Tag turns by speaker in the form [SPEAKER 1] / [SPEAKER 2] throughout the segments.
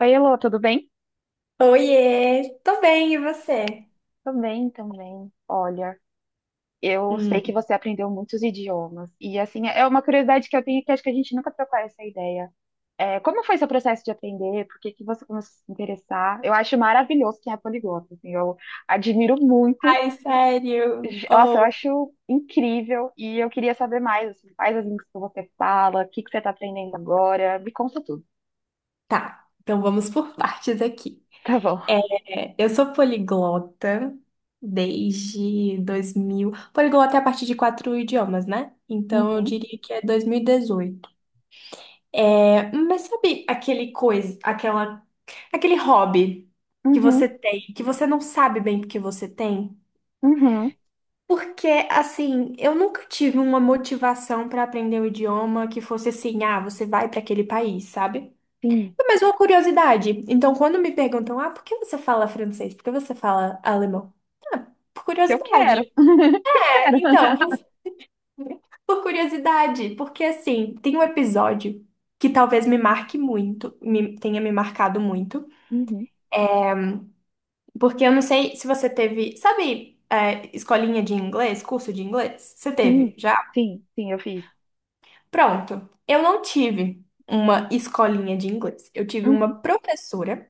[SPEAKER 1] Oi, Elô, tudo bem?
[SPEAKER 2] Oiê, tô bem, e você?
[SPEAKER 1] Tô bem também. Olha, eu sei que
[SPEAKER 2] Hum.
[SPEAKER 1] você aprendeu muitos idiomas. E assim, é uma curiosidade que eu tenho que acho que a gente nunca trocou essa ideia. É, como foi seu processo de aprender? Por que que você começou a se interessar? Eu acho maravilhoso quem é poliglota, assim, eu admiro muito.
[SPEAKER 2] Ai, sério?
[SPEAKER 1] Nossa, eu
[SPEAKER 2] Oh.
[SPEAKER 1] acho incrível. E eu queria saber mais, assim, quais as línguas que você fala, o que que você tá aprendendo agora. Me conta tudo.
[SPEAKER 2] Tá, então vamos por partes aqui.
[SPEAKER 1] Tá bom.
[SPEAKER 2] É, eu sou poliglota desde 2000. Poliglota é a partir de quatro idiomas, né? Então eu
[SPEAKER 1] Uhum,
[SPEAKER 2] diria que é 2018. É, mas sabe aquele coisa, aquele hobby que você
[SPEAKER 1] uhum,
[SPEAKER 2] tem, que você não sabe bem porque você tem?
[SPEAKER 1] uhum.
[SPEAKER 2] Porque, assim, eu nunca tive uma motivação para aprender o idioma que fosse assim, ah, você vai para aquele país, sabe?
[SPEAKER 1] Sim,
[SPEAKER 2] É mais uma curiosidade. Então, quando me perguntam, ah, por que você fala francês? Por que você fala alemão? Por
[SPEAKER 1] eu quero.
[SPEAKER 2] curiosidade. É,
[SPEAKER 1] Quero.
[SPEAKER 2] então, por curiosidade, porque assim, tem um episódio que talvez me marque muito, tenha me marcado muito,
[SPEAKER 1] Uhum.
[SPEAKER 2] porque eu não sei se você teve, sabe, é, escolinha de inglês, curso de inglês? Você
[SPEAKER 1] Sim,
[SPEAKER 2] teve já?
[SPEAKER 1] sim, sim, eu fiz.
[SPEAKER 2] Pronto, eu não tive uma escolinha de inglês. Eu tive
[SPEAKER 1] Uhum,
[SPEAKER 2] uma professora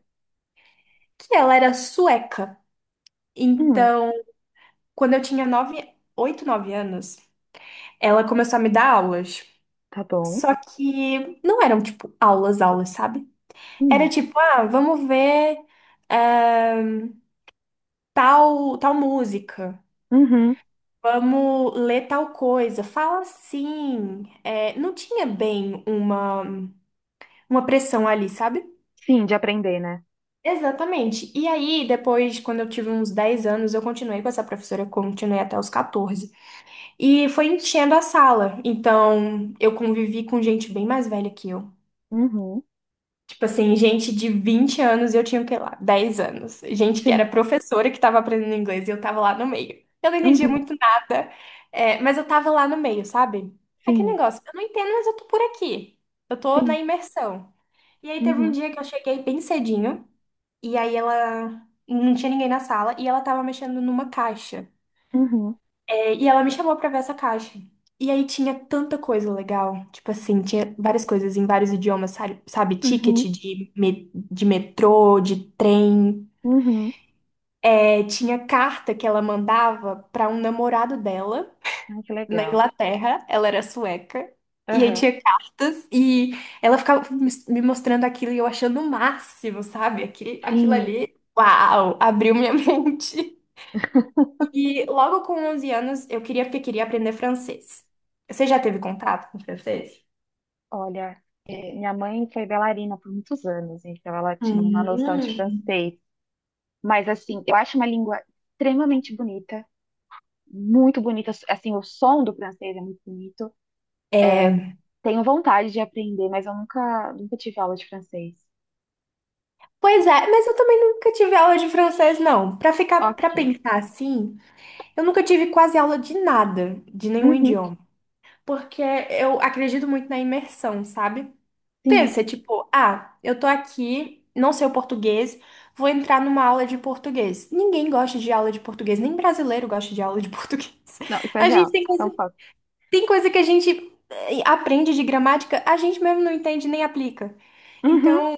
[SPEAKER 2] que ela era sueca.
[SPEAKER 1] uhum,
[SPEAKER 2] Então, quando eu tinha nove, oito, nove anos, ela começou a me dar aulas.
[SPEAKER 1] tá bom.
[SPEAKER 2] Só que não eram, tipo, aulas, aulas, sabe? Era
[SPEAKER 1] Uhum,
[SPEAKER 2] tipo, ah, vamos ver eh, tal música.
[SPEAKER 1] uhum,
[SPEAKER 2] Vamos ler tal coisa. Fala assim. Não tinha bem uma pressão ali, sabe?
[SPEAKER 1] sim, de aprender, né?
[SPEAKER 2] Exatamente. E aí, depois, quando eu tive uns 10 anos, eu continuei com essa professora, eu continuei até os 14. E foi enchendo a sala. Então, eu convivi com gente bem mais velha que eu.
[SPEAKER 1] Uhum,
[SPEAKER 2] Tipo assim, gente de 20 anos e eu tinha, o que lá, 10 anos. Gente que era
[SPEAKER 1] sim,
[SPEAKER 2] professora que tava aprendendo inglês e eu tava lá no meio. Eu não entendia
[SPEAKER 1] uhum,
[SPEAKER 2] muito nada, é, mas eu tava lá no meio, sabe? Aquele
[SPEAKER 1] sim,
[SPEAKER 2] negócio, eu não entendo, mas eu tô por aqui. Eu tô na
[SPEAKER 1] sim,
[SPEAKER 2] imersão. E aí teve um
[SPEAKER 1] uhum,
[SPEAKER 2] dia que eu cheguei bem cedinho. E aí ela não tinha ninguém na sala e ela tava mexendo numa caixa.
[SPEAKER 1] uhum,
[SPEAKER 2] É, e ela me chamou pra ver essa caixa. E aí tinha tanta coisa legal, tipo assim, tinha várias coisas em vários idiomas, sabe? Sabe, ticket
[SPEAKER 1] uhum,
[SPEAKER 2] de, de metrô, de trem.
[SPEAKER 1] uhum.
[SPEAKER 2] É, tinha carta que ela mandava pra um namorado dela
[SPEAKER 1] Ai, que
[SPEAKER 2] na
[SPEAKER 1] legal.
[SPEAKER 2] Inglaterra, ela era sueca. E aí
[SPEAKER 1] Aham,
[SPEAKER 2] tinha cartas e ela ficava me mostrando aquilo e eu achando o máximo, sabe? Aquilo, aquilo
[SPEAKER 1] sim.
[SPEAKER 2] ali, uau, abriu minha mente. E logo com 11 anos eu queria porque queria aprender francês. Você já teve contato com francês?
[SPEAKER 1] Olha, minha mãe foi bailarina por muitos anos, então ela tinha uma noção de
[SPEAKER 2] Hum.
[SPEAKER 1] francês. Mas, assim, eu acho uma língua extremamente bonita, muito bonita. Assim, o som do francês é muito bonito. Tenho vontade de aprender, mas eu nunca, nunca tive aula de francês.
[SPEAKER 2] Pois é, mas eu também nunca tive aula de francês, não. Pra ficar, para
[SPEAKER 1] Ok.
[SPEAKER 2] pensar assim, eu nunca tive quase aula de nada, de nenhum
[SPEAKER 1] Uhum,
[SPEAKER 2] idioma, porque eu acredito muito na imersão, sabe?
[SPEAKER 1] sim.
[SPEAKER 2] Pensa, tipo, ah, eu tô aqui, não sei o português, vou entrar numa aula de português. Ninguém gosta de aula de português, nem brasileiro gosta de aula de português.
[SPEAKER 1] Não, isso é
[SPEAKER 2] A gente
[SPEAKER 1] real.
[SPEAKER 2] tem
[SPEAKER 1] Então,
[SPEAKER 2] que
[SPEAKER 1] fato.
[SPEAKER 2] Tem coisa que a gente aprende de gramática, a gente mesmo não entende nem aplica.
[SPEAKER 1] Uhum,
[SPEAKER 2] Então,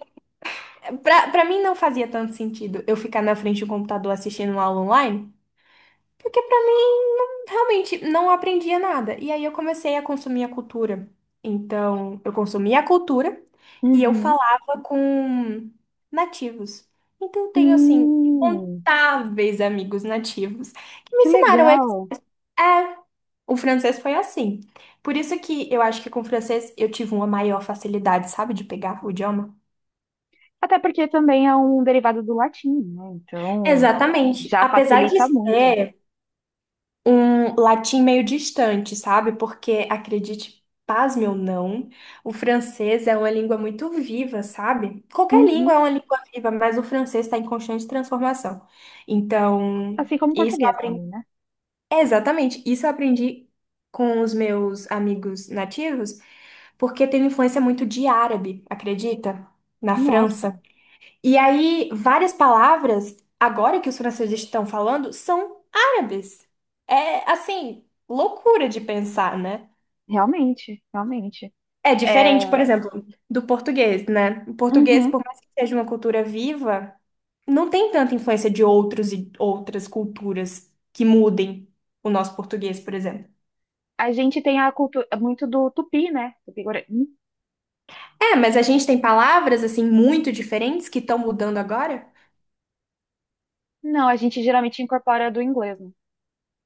[SPEAKER 2] pra mim não fazia tanto sentido eu ficar na frente do computador assistindo uma aula online, porque pra mim realmente não aprendia nada. E aí eu comecei a consumir a cultura. Então, eu consumia a cultura e eu
[SPEAKER 1] uhum.
[SPEAKER 2] falava com nativos. Então, eu tenho assim.
[SPEAKER 1] Hum,
[SPEAKER 2] Incontáveis amigos nativos que me
[SPEAKER 1] que
[SPEAKER 2] ensinaram. É,
[SPEAKER 1] legal.
[SPEAKER 2] o francês foi assim. Por isso que eu acho que com o francês eu tive uma maior facilidade, sabe, de pegar o idioma.
[SPEAKER 1] Até porque também é um derivado do latim, né? Então,
[SPEAKER 2] Exatamente.
[SPEAKER 1] já
[SPEAKER 2] Apesar de
[SPEAKER 1] facilita muito.
[SPEAKER 2] ser um latim meio distante, sabe? Porque, acredite, pasme ou não, o francês é uma língua muito viva, sabe? Qualquer língua
[SPEAKER 1] Uhum.
[SPEAKER 2] é uma língua viva, mas o francês está em constante transformação. Então,
[SPEAKER 1] Assim como
[SPEAKER 2] isso eu
[SPEAKER 1] português
[SPEAKER 2] aprendi.
[SPEAKER 1] também, né?
[SPEAKER 2] Exatamente, isso eu aprendi com os meus amigos nativos. Porque teve influência muito de árabe, acredita? Na França.
[SPEAKER 1] Nossa,
[SPEAKER 2] E aí, várias palavras, agora que os franceses estão falando, são árabes. É, assim, loucura de pensar, né?
[SPEAKER 1] realmente, realmente.
[SPEAKER 2] É
[SPEAKER 1] É,
[SPEAKER 2] diferente, por exemplo, do português, né? O português,
[SPEAKER 1] uhum.
[SPEAKER 2] por mais que seja uma cultura viva, não tem tanta influência de outros e outras culturas que mudem o nosso português, por exemplo.
[SPEAKER 1] A gente tem a cultura muito do tupi, né? Tupi-guarani.
[SPEAKER 2] É, mas a gente tem palavras, assim, muito diferentes que estão mudando agora?
[SPEAKER 1] Não, a gente geralmente incorpora do inglês, né?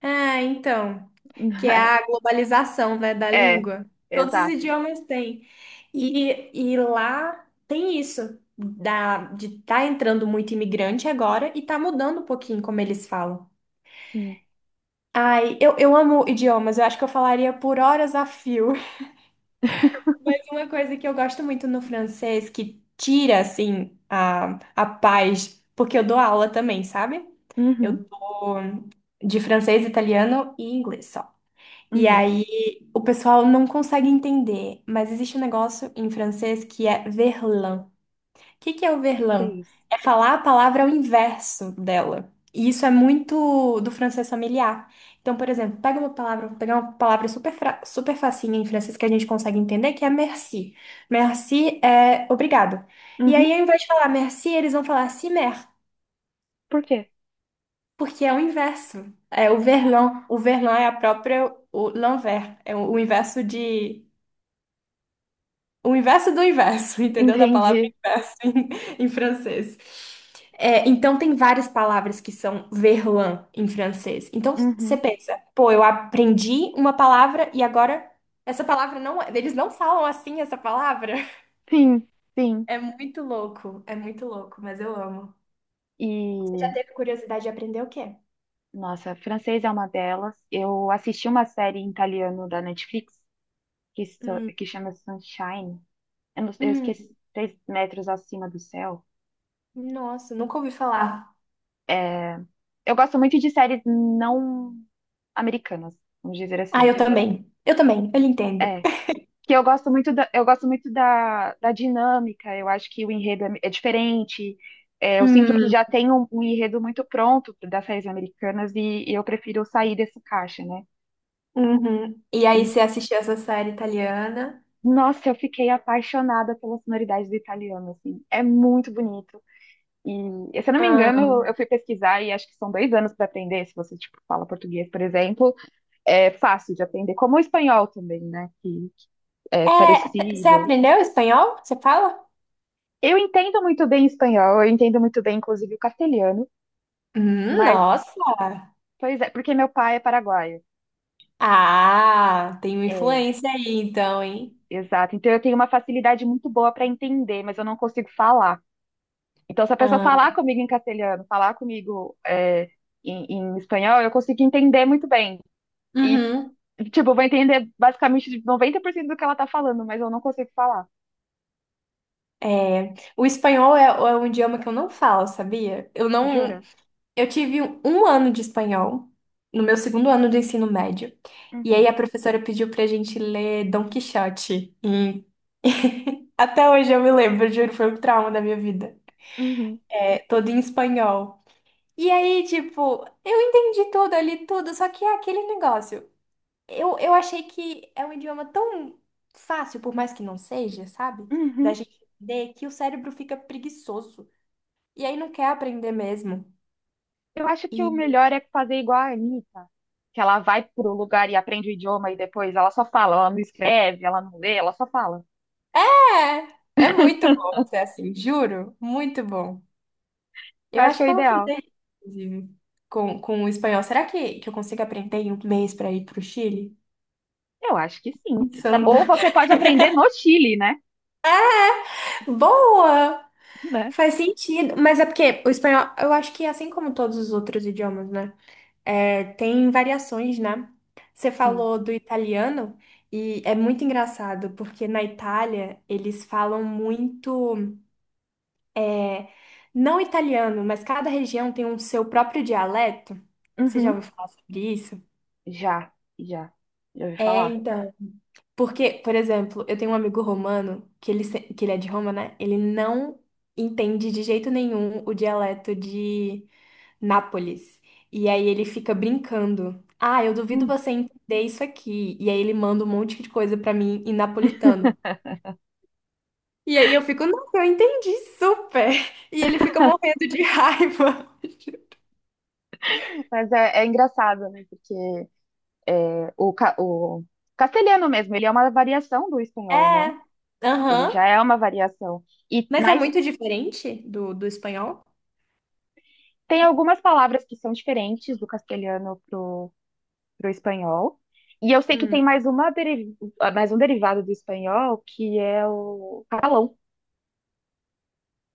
[SPEAKER 2] Ah, então. Que é a globalização, né, da
[SPEAKER 1] É,
[SPEAKER 2] língua. Todos os
[SPEAKER 1] exato.
[SPEAKER 2] idiomas têm. E lá tem isso, de tá entrando muito imigrante agora e tá mudando um pouquinho como eles falam.
[SPEAKER 1] Sim.
[SPEAKER 2] Ai, eu amo idiomas, eu acho que eu falaria por horas a fio. Mas uma coisa que eu gosto muito no francês, que tira, assim, a paz, porque eu dou aula também, sabe? Eu,
[SPEAKER 1] Uhum,
[SPEAKER 2] de francês, italiano e inglês só. E
[SPEAKER 1] uhum.
[SPEAKER 2] aí o pessoal não consegue entender, mas existe um negócio em francês que é verlan. O que que é o
[SPEAKER 1] Que é
[SPEAKER 2] verlan?
[SPEAKER 1] isso?
[SPEAKER 2] É falar a palavra ao inverso dela. E isso é muito do francês familiar. Então, por exemplo, pega uma palavra, vou pegar uma palavra super, super facinha em francês que a gente consegue entender, que é merci. Merci é obrigado. E aí,
[SPEAKER 1] Uhum.
[SPEAKER 2] ao invés de falar merci, eles vão falar cimer,
[SPEAKER 1] Por quê?
[SPEAKER 2] porque é o inverso. É o verlan. O verlan é a própria, o l'envers, é o inverso de, o inverso do inverso, entendeu? Da palavra
[SPEAKER 1] Entendi.
[SPEAKER 2] inverso em francês. É, então, tem várias palavras que são verlan em francês. Então, você
[SPEAKER 1] Uhum.
[SPEAKER 2] pensa, pô, eu aprendi uma palavra e agora essa palavra não. Eles não falam assim essa palavra.
[SPEAKER 1] Sim, sim.
[SPEAKER 2] É muito louco, mas eu amo. Já
[SPEAKER 1] E,
[SPEAKER 2] teve curiosidade de aprender o quê?
[SPEAKER 1] nossa, francês é uma delas. Eu assisti uma série em italiano da Netflix que, so-
[SPEAKER 2] Hum,
[SPEAKER 1] que chama Sunshine. Eu, não- eu esqueci,
[SPEAKER 2] hum,
[SPEAKER 1] Três Metros Acima do Céu.
[SPEAKER 2] nossa, nunca ouvi falar.
[SPEAKER 1] Eu gosto muito de séries não americanas, vamos dizer
[SPEAKER 2] Ah,
[SPEAKER 1] assim.
[SPEAKER 2] eu também. Eu também, eu lhe entendo.
[SPEAKER 1] É, que eu gosto muito da, da dinâmica, eu acho que o enredo é diferente. É, eu sinto que
[SPEAKER 2] Hum,
[SPEAKER 1] já tem um enredo muito pronto das séries americanas e eu prefiro sair desse caixa, né?
[SPEAKER 2] uhum. E aí,
[SPEAKER 1] E,
[SPEAKER 2] você assistiu essa série italiana?
[SPEAKER 1] nossa, eu fiquei apaixonada pela sonoridade do italiano, assim, é muito bonito. E, se eu não me
[SPEAKER 2] Ah.
[SPEAKER 1] engano, eu fui pesquisar e acho que são 2 anos para aprender, se você, tipo, fala português, por exemplo, é fácil de aprender, como o espanhol também, né, que é
[SPEAKER 2] É, você
[SPEAKER 1] parecido.
[SPEAKER 2] aprendeu espanhol? Você fala?
[SPEAKER 1] Eu entendo muito bem espanhol, eu entendo muito bem, inclusive, o castelhano, mas,
[SPEAKER 2] Nossa!
[SPEAKER 1] pois é, porque meu pai é paraguaio.
[SPEAKER 2] Ah, tem uma
[SPEAKER 1] É,
[SPEAKER 2] influência aí então, hein?
[SPEAKER 1] exato. Então eu tenho uma facilidade muito boa para entender, mas eu não consigo falar. Então, se a pessoa
[SPEAKER 2] Ah,
[SPEAKER 1] falar comigo em castelhano, falar comigo é, em espanhol, eu consigo entender muito bem. E,
[SPEAKER 2] uhum.
[SPEAKER 1] tipo, eu vou entender basicamente 90% do que ela tá falando, mas eu não consigo falar.
[SPEAKER 2] É, o espanhol é um idioma que eu não falo, sabia? Eu não.
[SPEAKER 1] Jura?
[SPEAKER 2] Eu tive um ano de espanhol no meu segundo ano do ensino médio. E aí
[SPEAKER 1] Uhum,
[SPEAKER 2] a professora pediu pra gente ler Dom Quixote. E até hoje eu me lembro, juro, foi um trauma da minha vida.
[SPEAKER 1] uhum,
[SPEAKER 2] É, todo em espanhol. E aí, tipo, eu entendi tudo ali, tudo, só que é aquele negócio. Eu achei que é um idioma tão fácil, por mais que não seja, sabe? Da
[SPEAKER 1] uhum.
[SPEAKER 2] gente entender que o cérebro fica preguiçoso. E aí não quer aprender mesmo.
[SPEAKER 1] Eu acho que o
[SPEAKER 2] E
[SPEAKER 1] melhor é fazer igual a Anitta, que ela vai pro lugar e aprende o idioma e depois ela só fala, ela não escreve, ela não lê, ela só fala.
[SPEAKER 2] é muito bom ser assim, juro, muito bom.
[SPEAKER 1] Eu
[SPEAKER 2] Eu
[SPEAKER 1] acho que
[SPEAKER 2] acho
[SPEAKER 1] é o
[SPEAKER 2] que eu vou
[SPEAKER 1] ideal.
[SPEAKER 2] fazer, inclusive, com o espanhol. Será que eu consigo aprender em um mês pra ir pro Chile?
[SPEAKER 1] Eu acho que sim.
[SPEAKER 2] Pensando.
[SPEAKER 1] Ou você pode aprender no Chile, né?
[SPEAKER 2] Boa!
[SPEAKER 1] Né?
[SPEAKER 2] Faz sentido, mas é porque o espanhol, eu acho que assim como todos os outros idiomas, né? É, tem variações, né? Você
[SPEAKER 1] Sim.
[SPEAKER 2] falou do italiano e é muito engraçado, porque na Itália eles falam muito, não italiano, mas cada região tem um seu próprio dialeto. Você já
[SPEAKER 1] Uhum.
[SPEAKER 2] ouviu falar sobre isso?
[SPEAKER 1] Já, já. Já ouvi
[SPEAKER 2] É,
[SPEAKER 1] falar.
[SPEAKER 2] então. Porque, por exemplo, eu tenho um amigo romano, que ele, que ele é de Roma, né? Ele não entende de jeito nenhum o dialeto de Nápoles. E aí ele fica brincando. Ah, eu duvido
[SPEAKER 1] Hum.
[SPEAKER 2] você entender isso aqui. E aí ele manda um monte de coisa pra mim em napolitano. E aí eu fico, nossa, eu entendi super. E ele fica morrendo de raiva.
[SPEAKER 1] Mas é engraçado, né? Porque é, o castelhano mesmo, ele é uma variação do espanhol, né?
[SPEAKER 2] É,
[SPEAKER 1] Ele
[SPEAKER 2] aham.
[SPEAKER 1] já é uma variação. E
[SPEAKER 2] Mas é
[SPEAKER 1] mas
[SPEAKER 2] muito diferente do espanhol?
[SPEAKER 1] tem algumas palavras que são diferentes do castelhano para o espanhol. E eu sei que tem
[SPEAKER 2] Hum.
[SPEAKER 1] mais um derivado do espanhol, que é o catalão,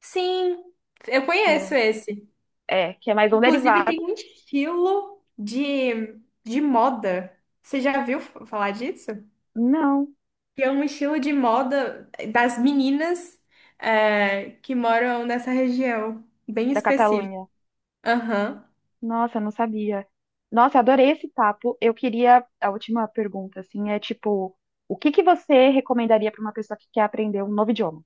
[SPEAKER 2] Sim, eu
[SPEAKER 1] que
[SPEAKER 2] conheço
[SPEAKER 1] é,
[SPEAKER 2] esse.
[SPEAKER 1] que é mais um
[SPEAKER 2] Inclusive, tem
[SPEAKER 1] derivado.
[SPEAKER 2] um estilo de moda. Você já viu falar disso?
[SPEAKER 1] Não,
[SPEAKER 2] Que é um estilo de moda das meninas que moram nessa região, bem
[SPEAKER 1] da
[SPEAKER 2] específico.
[SPEAKER 1] Catalunha.
[SPEAKER 2] Aham.
[SPEAKER 1] Nossa, eu não sabia. Nossa, eu adorei esse papo. Eu queria a última pergunta, assim, é tipo, o que que você recomendaria para uma pessoa que quer aprender um novo idioma?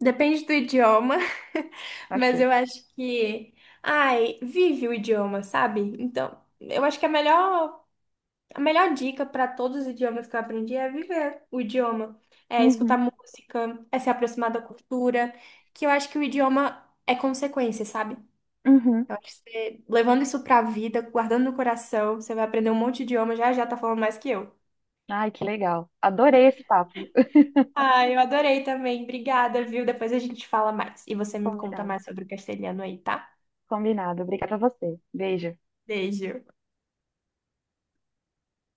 [SPEAKER 2] Depende do idioma, mas
[SPEAKER 1] Ok.
[SPEAKER 2] eu acho que. Ai, vive o idioma, sabe? Então, eu acho que a melhor dica para todos os idiomas que eu aprendi é viver o idioma, é escutar
[SPEAKER 1] Uhum,
[SPEAKER 2] música, é se aproximar da cultura, que eu acho que o idioma é consequência, sabe?
[SPEAKER 1] uhum.
[SPEAKER 2] Eu acho que você, levando isso para a vida, guardando no coração, você vai aprender um monte de idioma, já já tá falando mais que eu.
[SPEAKER 1] Ai, que legal. Adorei esse papo.
[SPEAKER 2] Ah, eu adorei também. Obrigada, viu? Depois a gente fala mais. E você me conta
[SPEAKER 1] Combinado.
[SPEAKER 2] mais sobre o castelhano aí, tá?
[SPEAKER 1] Combinado. Obrigada a você. Beijo.
[SPEAKER 2] Beijo.